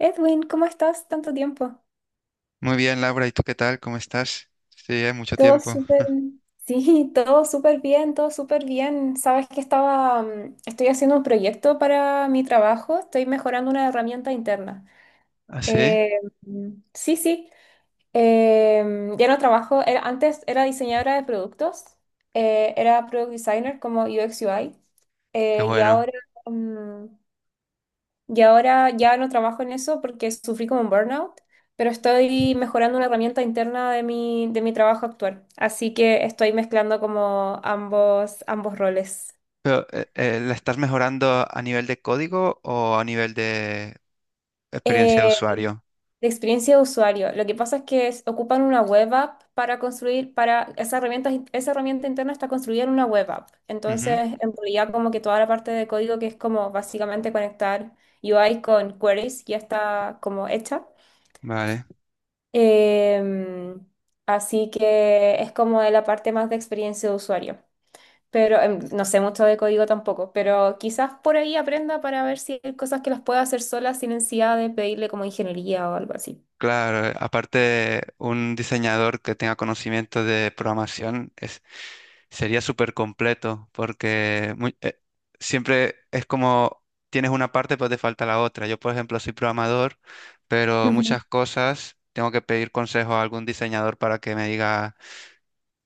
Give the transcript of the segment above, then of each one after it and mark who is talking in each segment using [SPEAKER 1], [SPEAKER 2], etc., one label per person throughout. [SPEAKER 1] Edwin, ¿cómo estás? Tanto tiempo.
[SPEAKER 2] Muy bien, Laura, ¿y tú qué tal? ¿Cómo estás? Sí, hay mucho
[SPEAKER 1] Todo
[SPEAKER 2] tiempo.
[SPEAKER 1] súper. Sí, todo súper bien, todo súper bien. Sabes que estoy haciendo un proyecto para mi trabajo, estoy mejorando una herramienta interna.
[SPEAKER 2] ¿Ah, sí?
[SPEAKER 1] Sí, ya no trabajo, antes era diseñadora de productos, era product designer como UX UI,
[SPEAKER 2] Qué
[SPEAKER 1] y
[SPEAKER 2] bueno.
[SPEAKER 1] ahora mm, y ahora ya no trabajo en eso porque sufrí como un burnout, pero estoy mejorando una herramienta interna de mi trabajo actual. Así que estoy mezclando como ambos roles.
[SPEAKER 2] Pero, ¿la estás mejorando a nivel de código o a nivel de experiencia de
[SPEAKER 1] Eh,
[SPEAKER 2] usuario?
[SPEAKER 1] de experiencia de usuario. Lo que pasa es que ocupan una web app para construir, para esa herramienta interna está construida en una web app.
[SPEAKER 2] Ujú.
[SPEAKER 1] Entonces, en realidad como que toda la parte de código que es como básicamente conectar UI con queries ya está como hecha.
[SPEAKER 2] Vale,
[SPEAKER 1] Em, así que es como de la parte más de experiencia de usuario. Pero no sé mucho de código tampoco, pero quizás por ahí aprenda para ver si hay cosas que las pueda hacer sola sin necesidad de pedirle como ingeniería o algo así.
[SPEAKER 2] claro. Aparte, un diseñador que tenga conocimiento de programación es sería súper completo porque siempre es como tienes una parte, pues te falta la otra. Yo, por ejemplo, soy programador, pero
[SPEAKER 1] Ujú.
[SPEAKER 2] muchas cosas tengo que pedir consejo a algún diseñador para que me diga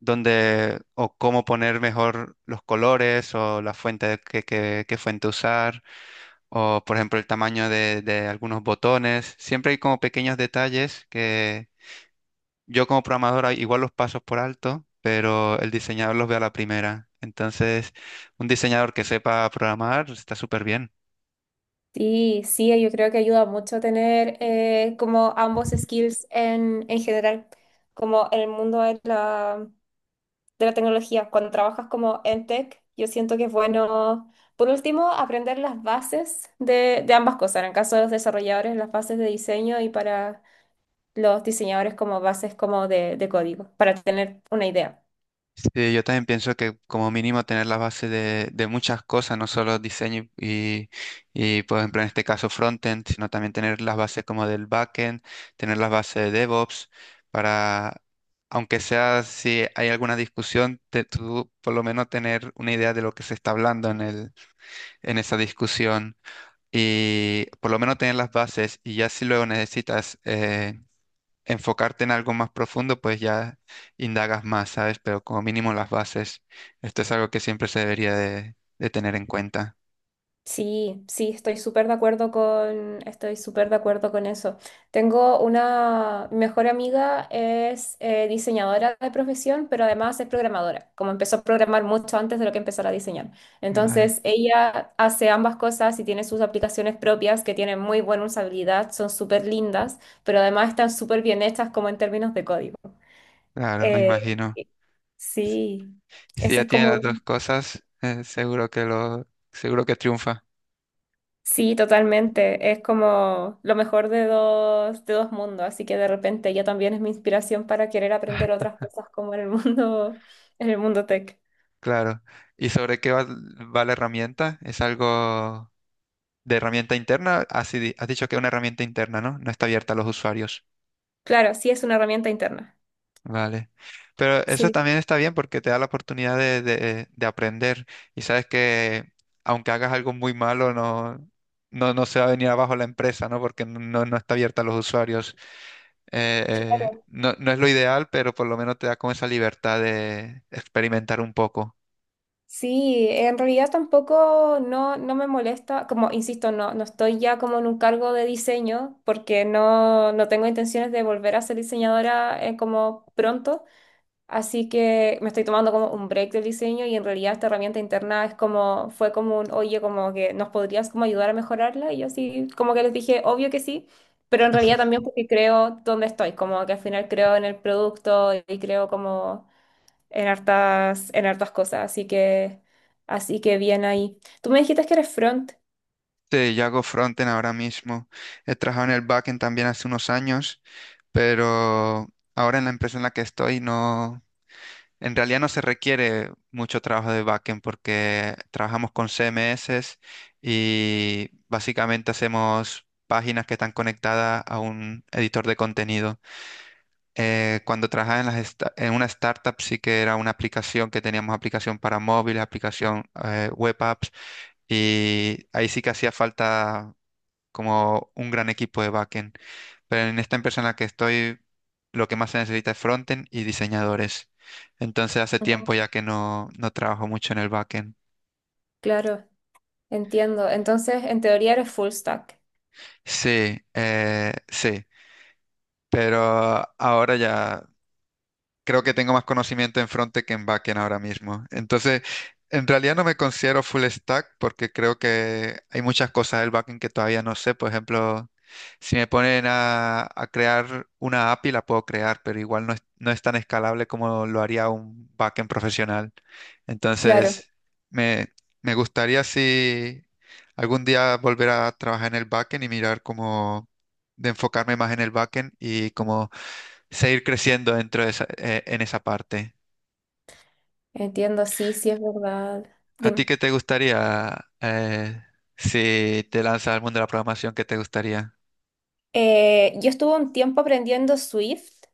[SPEAKER 2] dónde o cómo poner mejor los colores o la fuente de- que- qué fuente usar o, por ejemplo, el tamaño de algunos botones. Siempre hay como pequeños detalles yo como programador ah, igual los pasos por alto, pero el diseñador los ve a la primera. Entonces, un diseñador que sepa programar está súper bien.
[SPEAKER 1] Sí, sí, yo creo que ayuda mucho tener como ambos skills en general, como en el mundo de la tecnología. Cuando trabajas como en tech, yo siento que es bueno, por último, aprender las bases de ambas cosas. En el caso de los desarrolladores, las bases de diseño y para los diseñadores como bases como de código, para tener una idea.
[SPEAKER 2] Sí, yo también pienso que como mínimo tener la base de muchas cosas, no solo diseño y, por ejemplo, en este caso frontend, sino también tener las bases como del backend, tener las bases de DevOps, para, aunque sea si hay alguna discusión, tú por lo menos tener una idea de lo que se está hablando en esa discusión. Y por lo menos tener las bases y ya si luego necesitas enfocarte en algo más profundo, pues ya indagas más, ¿sabes? Pero como mínimo las bases, esto es algo que siempre se debería de tener en cuenta.
[SPEAKER 1] Sí, sí, estoy súper de acuerdo con eso. Tengo una mi mejor amiga, es diseñadora de profesión, pero además es programadora, como empezó a programar mucho antes de lo que empezara a diseñar.
[SPEAKER 2] Vale,
[SPEAKER 1] Entonces, ella hace ambas cosas y tiene sus aplicaciones propias que tienen muy buena usabilidad, son súper lindas, pero además están súper bien hechas como en términos de código.
[SPEAKER 2] claro, me
[SPEAKER 1] Eh,
[SPEAKER 2] imagino.
[SPEAKER 1] sí,
[SPEAKER 2] Si
[SPEAKER 1] ese
[SPEAKER 2] ya
[SPEAKER 1] es
[SPEAKER 2] tiene las
[SPEAKER 1] como…
[SPEAKER 2] dos cosas, seguro que triunfa,
[SPEAKER 1] Sí, totalmente. Es como lo mejor de de dos mundos, así que de repente ella también es mi inspiración para querer aprender otras cosas como en el mundo, en el mundo tech.
[SPEAKER 2] claro. ¿Y sobre qué va la herramienta? ¿Es algo de herramienta interna? Así, has dicho que es una herramienta interna, ¿no? No está abierta a los usuarios.
[SPEAKER 1] Claro, sí es una herramienta interna.
[SPEAKER 2] Vale. Pero eso
[SPEAKER 1] Sí,
[SPEAKER 2] también está bien porque te da la oportunidad de aprender y sabes que aunque hagas algo muy malo, no se va a venir abajo la empresa, ¿no? Porque no, no está abierta a los usuarios. Eh,
[SPEAKER 1] claro.
[SPEAKER 2] no, no es lo ideal, pero por lo menos te da como esa libertad de experimentar un poco.
[SPEAKER 1] Sí, en realidad tampoco no, no me molesta, como insisto, no, no estoy ya como en un cargo de diseño porque no, no tengo intenciones de volver a ser diseñadora como pronto. Así que me estoy tomando como un break del diseño y en realidad esta herramienta interna es como, fue como un, oye, como que nos podrías como ayudar a mejorarla. Y yo así como que les dije, obvio que sí, pero en realidad también porque creo dónde estoy, como que al final creo en el producto y creo como en hartas cosas. Así que bien ahí. Tú me dijiste que eres front.
[SPEAKER 2] Sí, yo hago frontend ahora mismo. He trabajado en el backend también hace unos años, pero ahora en la empresa en la que estoy no, en realidad no se requiere mucho trabajo de backend porque trabajamos con CMS y básicamente hacemos páginas que están conectadas a un editor de contenido. Cuando trabajaba en una startup sí que era una aplicación que teníamos, aplicación para móviles, aplicación web apps, y ahí sí que hacía falta como un gran equipo de backend. Pero en esta empresa en la que estoy, lo que más se necesita es frontend y diseñadores. Entonces hace
[SPEAKER 1] Ujú.
[SPEAKER 2] tiempo ya que no, no trabajo mucho en el backend.
[SPEAKER 1] Claro, entiendo. Entonces, en teoría eres full stack.
[SPEAKER 2] Sí, sí, pero ahora ya creo que tengo más conocimiento en frontend que en backend ahora mismo. Entonces, en realidad no me considero full stack porque creo que hay muchas cosas del backend que todavía no sé. Por ejemplo, si me ponen a crear una API, la puedo crear, pero igual no es tan escalable como lo haría un backend profesional.
[SPEAKER 1] Claro,
[SPEAKER 2] Entonces, me, me gustaría si algún día volver a trabajar en el backend y mirar cómo de enfocarme más en el backend y como seguir creciendo dentro de esa, en esa parte.
[SPEAKER 1] entiendo, sí, sí es verdad.
[SPEAKER 2] ¿A ti
[SPEAKER 1] Dime.
[SPEAKER 2] qué te gustaría si te lanzas al mundo de la programación? ¿Qué te gustaría?
[SPEAKER 1] Yo estuve un tiempo aprendiendo Swift,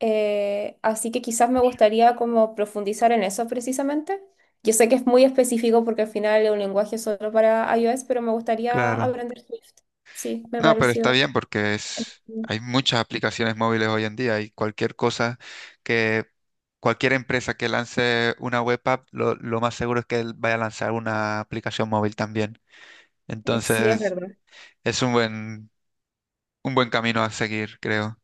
[SPEAKER 1] así que quizás me gustaría como profundizar en eso precisamente. Yo sé que es muy específico porque al final es un lenguaje solo para iOS, pero me gustaría
[SPEAKER 2] Claro.
[SPEAKER 1] aprender Swift. Sí, me
[SPEAKER 2] No, pero está
[SPEAKER 1] pareció.
[SPEAKER 2] bien porque es, hay muchas aplicaciones móviles hoy en día y cualquier cosa que cualquier empresa que lance una web app, lo más seguro es que él vaya a lanzar una aplicación móvil también.
[SPEAKER 1] Sí, es
[SPEAKER 2] Entonces,
[SPEAKER 1] verdad.
[SPEAKER 2] es un buen camino a seguir, creo.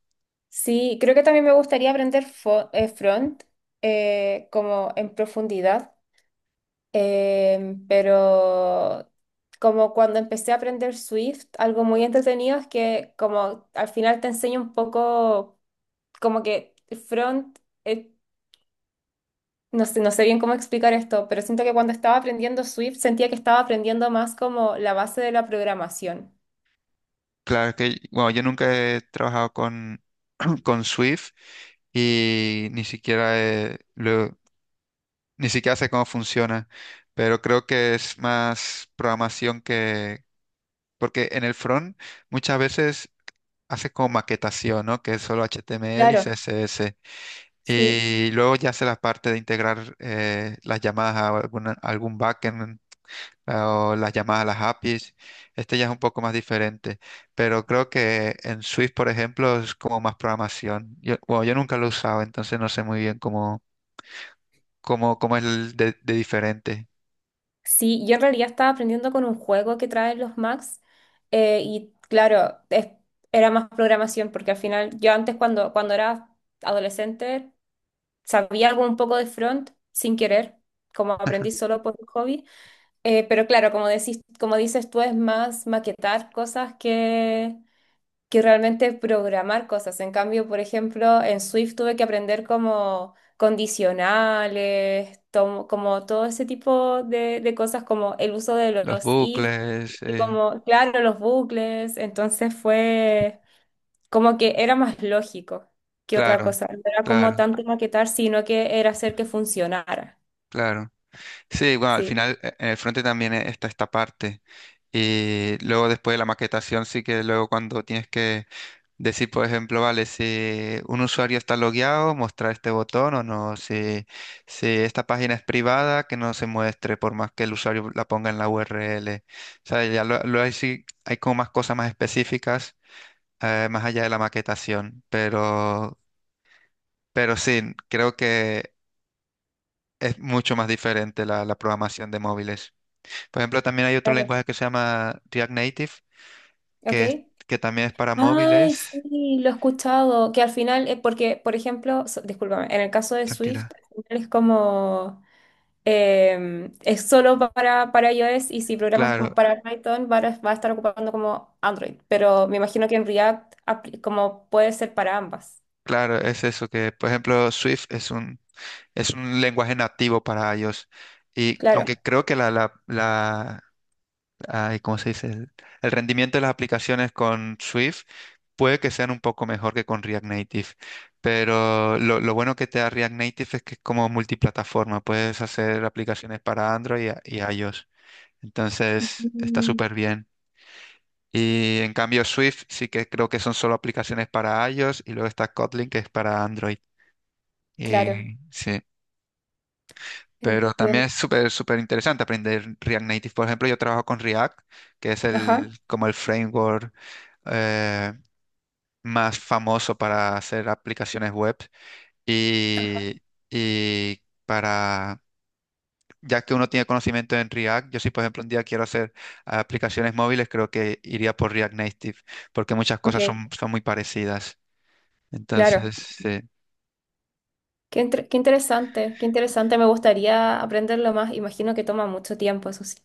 [SPEAKER 1] Sí, creo que también me gustaría aprender front como en profundidad. Pero como cuando empecé a aprender Swift, algo muy entretenido es que como al final te enseña un poco como que front, eh, no sé, no sé bien cómo explicar esto, pero siento que cuando estaba aprendiendo Swift sentía que estaba aprendiendo más como la base de la programación.
[SPEAKER 2] Claro que, bueno, yo nunca he trabajado con, con Swift y ni siquiera, ni siquiera sé cómo funciona, pero creo que es más programación que, porque en el front muchas veces hace como maquetación, ¿no? Que es solo HTML y
[SPEAKER 1] Claro,
[SPEAKER 2] CSS.
[SPEAKER 1] sí.
[SPEAKER 2] Y luego ya hace la parte de integrar las llamadas algún backend o las llamadas a las APIs. Este ya es un poco más diferente, pero creo que en Swift, por ejemplo, es como más programación. Yo, bueno, yo nunca lo he usado, entonces no sé muy bien cómo, cómo es de diferente.
[SPEAKER 1] Sí, yo en realidad estaba aprendiendo con un juego que traen los Macs y claro, era más programación porque al final yo antes cuando era adolescente. Sabía algo un poco de front sin querer, como aprendí solo por hobby. Pero claro, como decís, como dices tú, es más maquetar cosas que realmente programar cosas. En cambio, por ejemplo, en Swift tuve que aprender como condicionales, como todo ese tipo de cosas, como el uso de
[SPEAKER 2] Los
[SPEAKER 1] los if
[SPEAKER 2] bucles,
[SPEAKER 1] y como, claro, los bucles. Entonces fue. Como que era más lógico que otra
[SPEAKER 2] claro,
[SPEAKER 1] cosa. No era como
[SPEAKER 2] claro,
[SPEAKER 1] tanto maquetar, sino que era hacer que funcionara.
[SPEAKER 2] claro. Sí, bueno, al
[SPEAKER 1] Sí,
[SPEAKER 2] final en el frente también está esta parte. Y luego después de la maquetación, sí que luego cuando tienes que decir, por ejemplo, vale, si un usuario está logueado, mostrar este botón o no. Si, si esta página es privada, que no se muestre, por más que el usuario la ponga en la URL. O sea, lo hay, sí, hay como más cosas más específicas, más allá de la maquetación. Pero sí, creo que es mucho más diferente la programación de móviles. Por ejemplo, también hay otro
[SPEAKER 1] claro.
[SPEAKER 2] lenguaje que se llama React Native,
[SPEAKER 1] ¿Ok?
[SPEAKER 2] que, que también es para
[SPEAKER 1] Ay,
[SPEAKER 2] móviles.
[SPEAKER 1] sí, lo he escuchado. Que al final, porque, por ejemplo, discúlpame, en el caso de Swift,
[SPEAKER 2] Tranquila.
[SPEAKER 1] al final es como, es solo para iOS y si programas como
[SPEAKER 2] Claro,
[SPEAKER 1] para Python, va a estar ocupando como Android. Pero me imagino que en React, como puede ser para ambas.
[SPEAKER 2] claro, es eso que, por ejemplo, Swift es un lenguaje nativo para iOS. Y
[SPEAKER 1] Claro.
[SPEAKER 2] aunque creo que ay, ¿cómo se dice? El rendimiento de las aplicaciones con Swift puede que sean un poco mejor que con React Native. Pero lo bueno que te da React Native es que es como multiplataforma. Puedes hacer aplicaciones para Android y iOS. Entonces, está
[SPEAKER 1] Mm,
[SPEAKER 2] súper bien. Y en cambio, Swift sí que creo que son solo aplicaciones para iOS y luego está Kotlin que es para Android.
[SPEAKER 1] claro,
[SPEAKER 2] Y sí, pero también
[SPEAKER 1] entiendo.
[SPEAKER 2] es súper, súper interesante aprender React Native. Por ejemplo, yo trabajo con React, que es
[SPEAKER 1] Ajá,
[SPEAKER 2] el, como el framework eh, más famoso para hacer aplicaciones web. Y, y para, ya que uno tiene conocimiento en React, yo si por ejemplo un día quiero hacer aplicaciones móviles, creo que iría por React Native, porque muchas cosas
[SPEAKER 1] ok.
[SPEAKER 2] son, son muy parecidas.
[SPEAKER 1] Claro,
[SPEAKER 2] Entonces, sí.
[SPEAKER 1] qué interesante, me gustaría aprenderlo más, imagino que toma mucho tiempo, eso sí.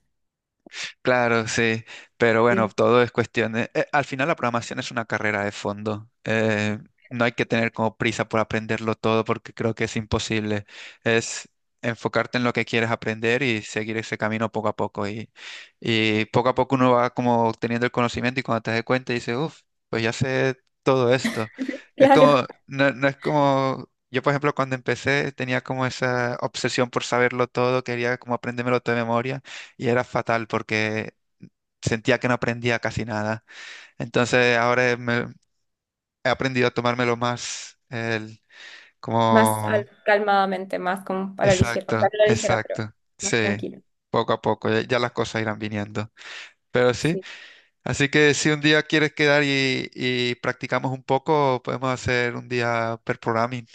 [SPEAKER 2] Claro, sí, pero bueno,
[SPEAKER 1] Sí.
[SPEAKER 2] todo es cuestión de… al final la programación es una carrera de fondo. No hay que tener como prisa por aprenderlo todo porque creo que es imposible. Es enfocarte en lo que quieres aprender y seguir ese camino poco a poco. Y poco a poco uno va como teniendo el conocimiento y cuando te das cuenta dices, uff, pues ya sé todo esto. Es
[SPEAKER 1] Claro,
[SPEAKER 2] como, no, no es como… Yo, por ejemplo, cuando empecé tenía como esa obsesión por saberlo todo, quería como aprendérmelo todo de memoria y era fatal porque sentía que no aprendía casi nada. Entonces ahora he aprendido a tomármelo más como…
[SPEAKER 1] calmadamente, más como para la ligera, o
[SPEAKER 2] Exacto,
[SPEAKER 1] sea, no la ligera, pero
[SPEAKER 2] exacto.
[SPEAKER 1] más
[SPEAKER 2] Sí,
[SPEAKER 1] tranquilo.
[SPEAKER 2] poco a poco, ya las cosas irán viniendo. Pero sí,
[SPEAKER 1] Sí.
[SPEAKER 2] así que si un día quieres quedar y practicamos un poco, podemos hacer un día per programming.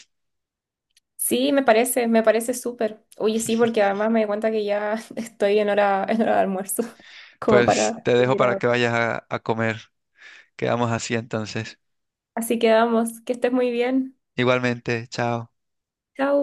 [SPEAKER 1] Sí, me parece súper. Oye, sí, porque además me di cuenta que ya estoy en hora de almuerzo, como
[SPEAKER 2] Pues
[SPEAKER 1] para
[SPEAKER 2] te dejo
[SPEAKER 1] seguir
[SPEAKER 2] para que
[SPEAKER 1] ahora.
[SPEAKER 2] vayas a comer. Quedamos así entonces.
[SPEAKER 1] Así que vamos, que estés muy bien.
[SPEAKER 2] Igualmente, chao.
[SPEAKER 1] Chao.